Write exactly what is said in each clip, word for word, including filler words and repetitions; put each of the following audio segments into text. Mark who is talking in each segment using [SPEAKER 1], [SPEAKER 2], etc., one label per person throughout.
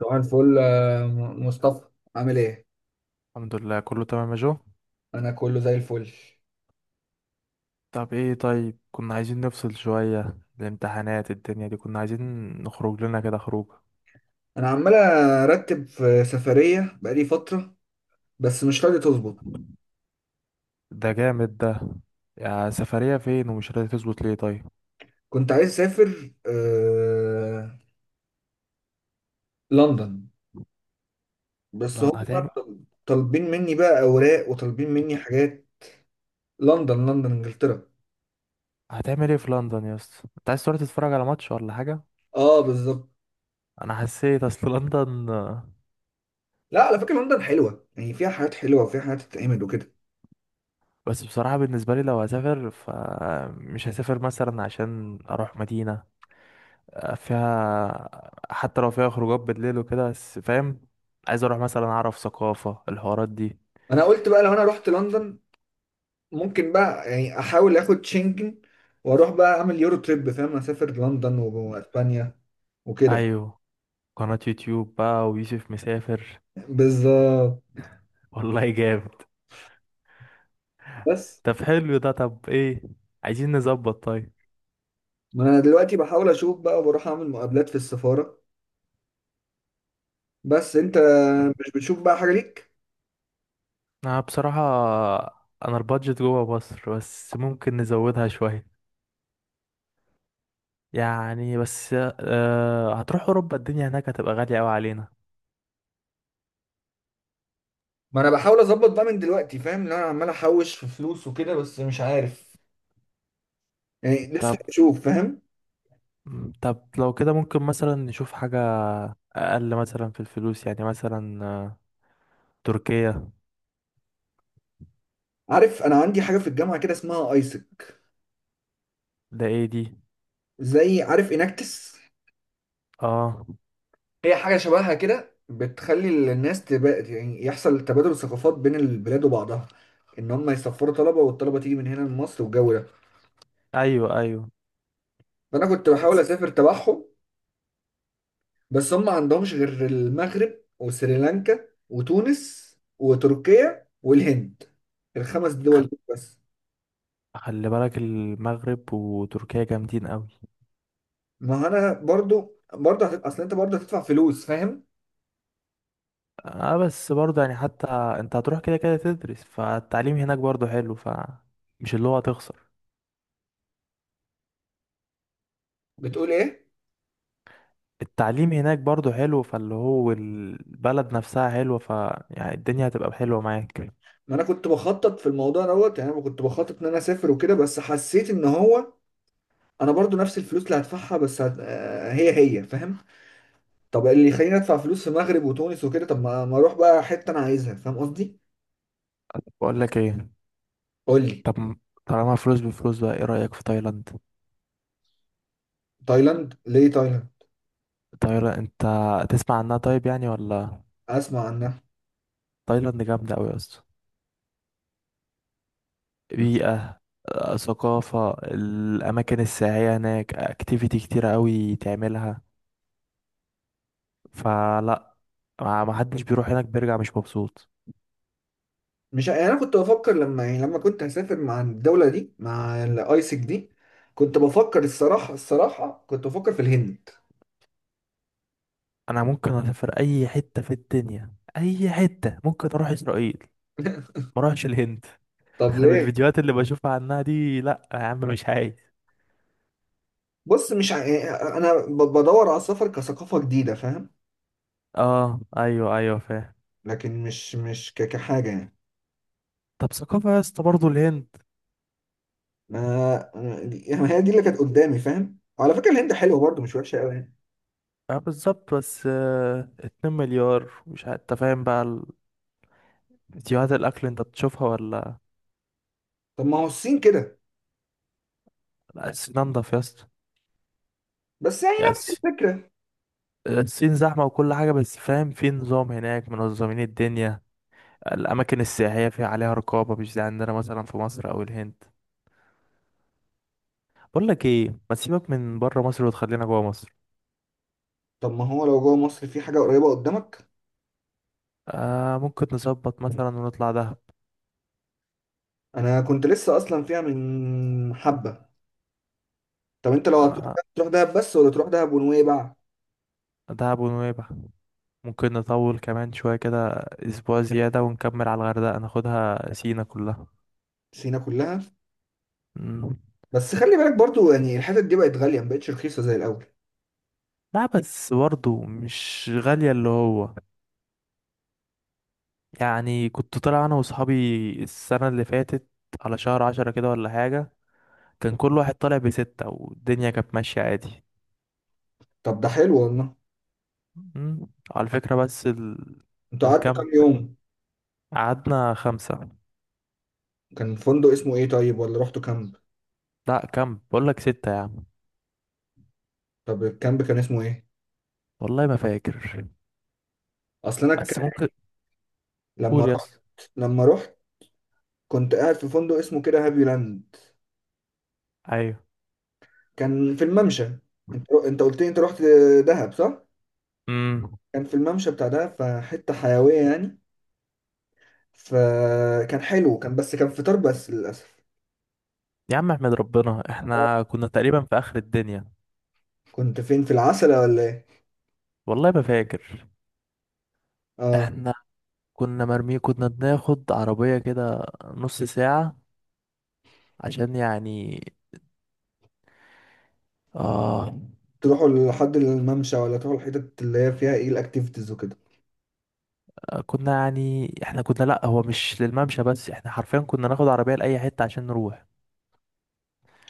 [SPEAKER 1] صباح الفل آه، م- مصطفى، عامل ايه؟
[SPEAKER 2] الحمد لله كله تمام يا جو.
[SPEAKER 1] انا كله زي الفل.
[SPEAKER 2] طب ايه؟ طيب، كنا عايزين نفصل شوية، الامتحانات الدنيا دي كنا عايزين نخرج لنا كده خروج.
[SPEAKER 1] انا عمال ارتب في سفرية بقالي فترة بس مش راضي تظبط.
[SPEAKER 2] ده جامد ده. يا سفرية فين ومش راضي تظبط ليه؟ طيب،
[SPEAKER 1] كنت عايز اسافر آه... لندن، بس
[SPEAKER 2] لا
[SPEAKER 1] هم
[SPEAKER 2] هتعمل.
[SPEAKER 1] طل- طالبين مني بقى اوراق وطالبين مني حاجات. لندن، لندن انجلترا.
[SPEAKER 2] هتعمل ايه في لندن يا اسطى؟ انت عايز تروح تتفرج على ماتش ولا حاجة؟
[SPEAKER 1] اه بالظبط.
[SPEAKER 2] انا حسيت اصل لندن آه،
[SPEAKER 1] لا على فكرة لندن حلوة، يعني فيها حاجات حلوة وفيها حاجات تتعمل وكده.
[SPEAKER 2] بس بصراحة بالنسبة لي لو هسافر فمش هسافر مثلا عشان اروح مدينة آه، فيها، حتى لو فيها خروجات بالليل وكده، بس فاهم. عايز اروح مثلا اعرف ثقافة الحوارات دي.
[SPEAKER 1] انا قلت بقى لو انا رحت لندن ممكن بقى يعني احاول اخد شنجن واروح بقى اعمل يورو تريب، فاهم؟ اسافر لندن واسبانيا وكده، فاهم؟
[SPEAKER 2] ايوه، قناة يوتيوب بقى ويوسف مسافر.
[SPEAKER 1] بالظبط.
[SPEAKER 2] والله جامد.
[SPEAKER 1] بس
[SPEAKER 2] طب حلو ده. طب ايه؟ عايزين نظبط طيب.
[SPEAKER 1] ما انا دلوقتي بحاول اشوف بقى وبروح اعمل مقابلات في السفارة. بس انت مش بتشوف بقى حاجة ليك؟
[SPEAKER 2] انا بصراحة، انا البادجت جوه مصر بس ممكن نزودها شوية يعني. بس أه هتروح اوروبا، الدنيا هناك هتبقى غالية قوي علينا.
[SPEAKER 1] ما انا بحاول اظبط بقى من دلوقتي، فاهم ان انا عمال احوش في فلوس وكده بس مش عارف. يعني لسه
[SPEAKER 2] طب
[SPEAKER 1] بشوف، فاهم.
[SPEAKER 2] طب لو كده ممكن مثلا نشوف حاجة اقل مثلا في الفلوس، يعني مثلا آه، تركيا.
[SPEAKER 1] عارف انا عندي حاجة في الجامعة كده اسمها ايسك،
[SPEAKER 2] ده ايه دي؟
[SPEAKER 1] زي عارف اناكتس.
[SPEAKER 2] اه،
[SPEAKER 1] هي حاجة شبهها كده بتخلي الناس تب... يعني يحصل تبادل ثقافات بين البلاد وبعضها، ان هم يسافروا طلبة والطلبة تيجي من هنا لمصر والجو ده.
[SPEAKER 2] ايوه ايوه.
[SPEAKER 1] فانا كنت بحاول
[SPEAKER 2] بس
[SPEAKER 1] اسافر تبعهم، بس هم ما عندهمش غير المغرب وسريلانكا وتونس وتركيا والهند، الخمس دول
[SPEAKER 2] خل...
[SPEAKER 1] دول بس.
[SPEAKER 2] خلي بالك، المغرب وتركيا جامدين قوي.
[SPEAKER 1] ما انا برضو برضو هت... اصل انت برضو هتدفع فلوس، فاهم.
[SPEAKER 2] اه، بس برضه يعني حتى انت هتروح كده كده تدرس، فالتعليم هناك برضه حلو. ف مش اللي هو هتخسر.
[SPEAKER 1] بتقول ايه؟
[SPEAKER 2] التعليم هناك برضه حلو، فاللي هو البلد نفسها حلوة، ف يعني الدنيا هتبقى حلوة معاك.
[SPEAKER 1] ما انا كنت بخطط في الموضوع دوت، يعني انا كنت بخطط ان انا اسافر وكده بس حسيت ان هو انا برضو نفس الفلوس اللي هدفعها بس هت... آه، هي هي فاهم. طب اللي يخليني ادفع فلوس في المغرب وتونس وكده، طب ما ما اروح بقى حته انا عايزها، فاهم قصدي.
[SPEAKER 2] بقول لك ايه،
[SPEAKER 1] قول لي.
[SPEAKER 2] طب م- طالما فلوس بفلوس بقى، ايه رأيك في تايلاند؟
[SPEAKER 1] تايلاند ليه تايلاند؟
[SPEAKER 2] تايلاند، انت تسمع عنها طيب يعني ولا؟
[SPEAKER 1] اسمع عنها.
[SPEAKER 2] تايلاند جامدة قوي يا اسطى. بيئة، آه، ثقافة، الأماكن السياحية هناك. أكتيفيتي كتيرة قوي تعملها، فلا ما ما حدش بيروح هناك بيرجع مش مبسوط.
[SPEAKER 1] مش يعني انا كنت بفكر لما يعني لما كنت هسافر مع الدوله دي، مع الايسك دي، كنت بفكر الصراحه الصراحه كنت بفكر في الهند.
[SPEAKER 2] انا ممكن اسافر اي حته في الدنيا، اي حته، ممكن اروح اسرائيل، ما اروحش الهند.
[SPEAKER 1] طب
[SPEAKER 2] انا من
[SPEAKER 1] ليه؟
[SPEAKER 2] الفيديوهات اللي بشوفها عنها دي، لا يا عم مش عايز.
[SPEAKER 1] بص مش ع... يعني انا ب- بدور على السفر كثقافه جديده، فاهم.
[SPEAKER 2] اه، ايوه ايوه فاهم.
[SPEAKER 1] لكن مش مش ك- كحاجه يعني.
[SPEAKER 2] طب ثقافه يا اسطى برضه الهند.
[SPEAKER 1] ما أنا- يعني هي دي اللي كانت قدامي، فاهم، وعلى فكره الهند حلوه برضه، مش وحشه قوي يعني.
[SPEAKER 2] اه بالظبط، بس آه، 2 مليار مش عارف انت فاهم بقى ال- فيديوهات الاكل انت بتشوفها ولا؟
[SPEAKER 1] طب ما هو الصين كده،
[SPEAKER 2] لا الصين انضف يا اسطى.
[SPEAKER 1] بس يعني
[SPEAKER 2] يعني
[SPEAKER 1] نفس
[SPEAKER 2] الص-
[SPEAKER 1] الفكره.
[SPEAKER 2] الصين زحمه وكل حاجه، بس فاهم في نظام هناك، منظمين الدنيا. الاماكن السياحيه فيها عليها رقابه، مش زي عندنا مثلا في مصر او الهند. بقول لك ايه، ما تسيبك من بره مصر وتخلينا جوه مصر.
[SPEAKER 1] طب ما هو لو جوه مصر في حاجه قريبه قدامك.
[SPEAKER 2] آه ممكن نظبط مثلا ونطلع دهب.
[SPEAKER 1] انا كنت لسه اصلا فيها من حبه. طب انت لو هتروح
[SPEAKER 2] آه،
[SPEAKER 1] دهب تروح دهب بس ولا تروح دهب ونويبع؟
[SPEAKER 2] دهب ونويبع، ممكن نطول كمان شويه كده، اسبوع زياده ونكمل على الغردقه، ناخدها سينا كلها.
[SPEAKER 1] سينا كلها.
[SPEAKER 2] مم.
[SPEAKER 1] بس خلي بالك برضه يعني الحتت دي بقت غاليه، ما بقتش رخيصه زي الاول.
[SPEAKER 2] لا بس برضه مش غالية اللي هو. يعني كنت طالع أنا وصحابي السنة اللي فاتت على شهر عشرة كده ولا حاجة، كان كل واحد طالع بستة والدنيا كانت ماشية عادي.
[SPEAKER 1] طب ده حلو والله.
[SPEAKER 2] مم. على فكرة بس ال...
[SPEAKER 1] انتوا قعدتوا
[SPEAKER 2] الكامب
[SPEAKER 1] كام يوم؟
[SPEAKER 2] قعدنا خمسة.
[SPEAKER 1] كان فندق اسمه ايه طيب، ولا رحتوا كامب؟
[SPEAKER 2] لا كامب، بقول لك ستة يا عم.
[SPEAKER 1] طب الكامب كان اسمه ايه؟
[SPEAKER 2] والله ما فاكر
[SPEAKER 1] اصل انا ك...
[SPEAKER 2] بس ممكن.
[SPEAKER 1] لما
[SPEAKER 2] قول،
[SPEAKER 1] رحت،
[SPEAKER 2] يس.
[SPEAKER 1] لما رحت كنت قاعد في فندق اسمه كده هابي لاند،
[SPEAKER 2] ايوه.
[SPEAKER 1] كان في الممشى. انت، انت قلت لي انت رحت دهب، صح؟
[SPEAKER 2] امم.
[SPEAKER 1] كان في الممشى بتاع دهب، فحته حيويه يعني، فكان حلو، كان بس كان فطار بس للاسف.
[SPEAKER 2] يا عم احمد ربنا احنا كنا تقريبا في اخر الدنيا.
[SPEAKER 1] كنت فين، في العسلة ولا ايه؟
[SPEAKER 2] والله ما فاكر.
[SPEAKER 1] اه.
[SPEAKER 2] احنا كنا مرمي، كنا بناخد عربية كده نص ساعة عشان يعني اه.
[SPEAKER 1] تروحوا لحد الممشى ولا تروحوا الحتت اللي هي فيها ايه الاكتيفيتيز وكده؟
[SPEAKER 2] كنا يعني احنا كنا، لا هو مش للممشى، بس احنا حرفيا كنا ناخد عربية لأي حتة عشان نروح.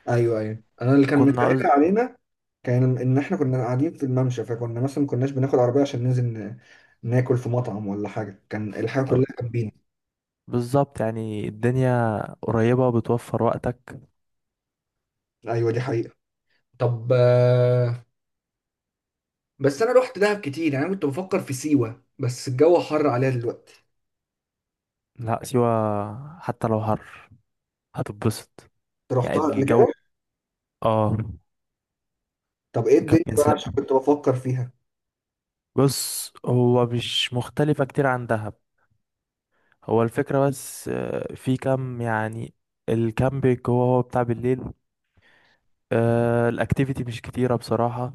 [SPEAKER 1] ايوه ايوه. انا اللي كان
[SPEAKER 2] كنا
[SPEAKER 1] مسهل
[SPEAKER 2] عز...
[SPEAKER 1] علينا كان ان احنا كنا قاعدين في الممشى، فكنا مثلا ما كناش بناخد عربية عشان ننزل ن- ناكل في مطعم ولا حاجة، كان الحاجة كلها جنبينا.
[SPEAKER 2] بالظبط، يعني الدنيا قريبة بتوفر وقتك.
[SPEAKER 1] ايوه دي حقيقة. طب آه، بس انا رحت دهب كتير، يعني انا كنت بفكر في سيوة بس الجو حر عليها دلوقتي.
[SPEAKER 2] لا سيوة حتى لو حر هتتبسط.
[SPEAKER 1] انت
[SPEAKER 2] يعني
[SPEAKER 1] رحتها قبل
[SPEAKER 2] الجو
[SPEAKER 1] كده؟
[SPEAKER 2] اه.
[SPEAKER 1] طب ايه الدنيا
[SPEAKER 2] كابتن
[SPEAKER 1] بقى،
[SPEAKER 2] سا-
[SPEAKER 1] عشان كنت بفكر فيها.
[SPEAKER 2] بص هو مش مختلفة كتير عن دهب. هو الفكرة بس آه، في كام يعني. الكامبينج هو هو بتاع بالليل. آه الاكتيفيتي مش كتيرة بصراحة،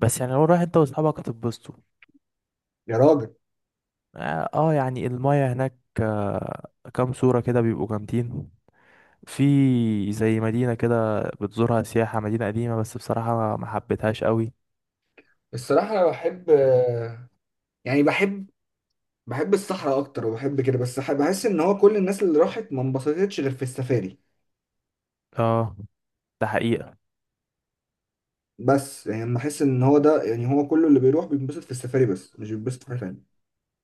[SPEAKER 2] بس يعني لو رايح انت واصحابك هتتبسطوا.
[SPEAKER 1] يا راجل.
[SPEAKER 2] اه، آه، يعني المايه هناك آه كام صورة كده بيبقوا جامدين. في زي مدينة كده بتزورها سياحة، مدينة قديمة، بس بصراحة ما حبيتهاش قوي.
[SPEAKER 1] الصراحة انا بحب آه، يعني بحب، بحب الصحراء اكتر وبحب كده، بس ح- بحس ان هو كل الناس اللي راحت ما انبسطتش غير في السفاري.
[SPEAKER 2] اه، ده حقيقة.
[SPEAKER 1] بس يعني لما احس ان هو ده، يعني هو كله اللي بيروح بينبسط في السفاري بس مش بينبسط في حاجة تانية.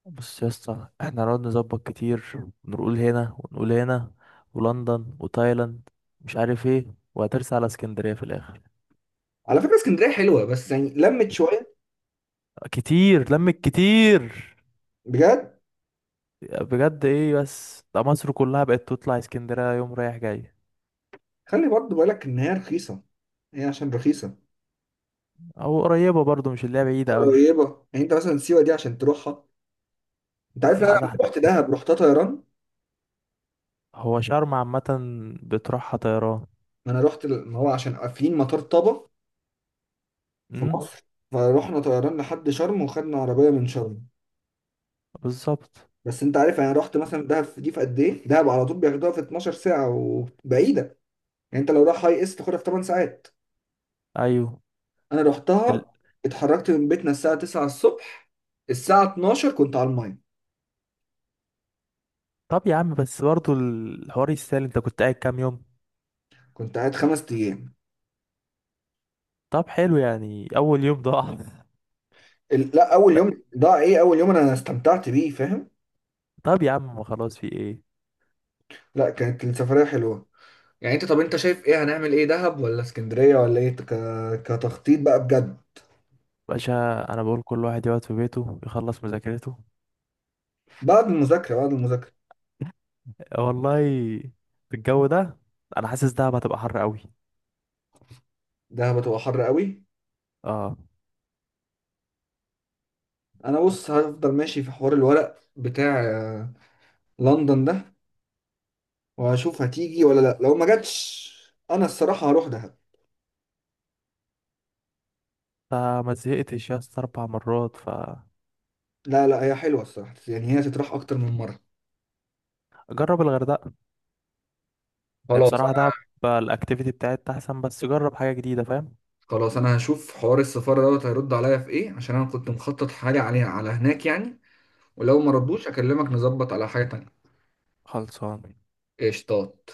[SPEAKER 2] بص يا اسطى، احنا نقعد نظبط كتير، ونقول هنا ونقول هنا، ولندن وتايلاند، مش عارف ايه، وهترسى على اسكندرية في الآخر.
[SPEAKER 1] على فكرة اسكندرية حلوة، بس يعني لمت شوية.
[SPEAKER 2] كتير لمك كتير.
[SPEAKER 1] بجد.
[SPEAKER 2] بجد. ايه بس ده، مصر كلها بقت تطلع اسكندرية يوم رايح جاي.
[SPEAKER 1] خلي برضه بالك ان هي رخيصة، هي عشان رخيصة.
[SPEAKER 2] او قريبة برضو، مش اللي هي بعيدة قوي.
[SPEAKER 1] قريبه يعني، انت مثلا سيوه دي عشان تروحها. انت عارف انا
[SPEAKER 2] لا
[SPEAKER 1] لما
[SPEAKER 2] ده احنا،
[SPEAKER 1] رحت دهب رحتها طيران.
[SPEAKER 2] هو شرم عامة بتروحها طيران.
[SPEAKER 1] ما انا رحت ال- ما هو عشان قافلين مطار طابا في
[SPEAKER 2] امم.
[SPEAKER 1] مصر، فروحنا طيران لحد شرم وخدنا عربيه من شرم.
[SPEAKER 2] بالظبط.
[SPEAKER 1] بس انت عارف انا رحت مثلا دهب في- دي في قد ايه، دهب على طول بياخدوها في اتناشر ساعه وبعيده، يعني انت لو رايح هاي اس تاخدها في ثماني ساعات.
[SPEAKER 2] ايوه،
[SPEAKER 1] انا
[SPEAKER 2] ال...
[SPEAKER 1] رحتها، اتحركت من بيتنا الساعه تسعة الصبح، الساعه اتناشر كنت على الميه.
[SPEAKER 2] طب يا عم بس برضه الحوار يستاهل، انت كنت قاعد كام يوم؟
[SPEAKER 1] كنت قاعد خمس ايام.
[SPEAKER 2] طب حلو، يعني اول يوم ضاع.
[SPEAKER 1] ال- لا اول
[SPEAKER 2] ط-
[SPEAKER 1] يوم ضاع ايه، اول يوم انا استمتعت بيه، فاهم.
[SPEAKER 2] طب يا عم خلاص، في ايه؟
[SPEAKER 1] لا كانت السفريه حلوه. يعني انت، طب انت شايف ايه، هنعمل ايه، دهب ولا اسكندرية ولا ايه ك... كتخطيط بقى، بجد.
[SPEAKER 2] باشا، انا بقول كل واحد يقعد في بيته يخلص مذاكرته.
[SPEAKER 1] بعد المذاكرة، بعد المذاكرة.
[SPEAKER 2] والله في الجو ده انا حاسس دهب هتبقى حر قوي.
[SPEAKER 1] دهب هتبقى حر قوي.
[SPEAKER 2] اه،
[SPEAKER 1] انا بص هفضل ماشي في حوار الورق بتاع آه، لندن ده، وهشوف هتيجي ولا لا. لو ما جاتش انا الصراحة هروح دهب.
[SPEAKER 2] فما زهقتش يا اسطى اربع مرات، فجرب.
[SPEAKER 1] لا لا هي حلوة الصراحة، يعني هي تتراح اكتر من مرة.
[SPEAKER 2] الغردقه. يعني
[SPEAKER 1] خلاص
[SPEAKER 2] بصراحه
[SPEAKER 1] انا،
[SPEAKER 2] دهب الاكتيفيتي بتاعتها احسن، بس جرب حاجه جديده فاهم.
[SPEAKER 1] خلاص انا هشوف حوار السفارة دوت هيرد عليا في ايه، عشان انا كنت مخطط حاجة عليها على هناك يعني. ولو ما ردوش اكلمك نظبط على حاجة تانية.
[SPEAKER 2] خلصان.
[SPEAKER 1] قشطات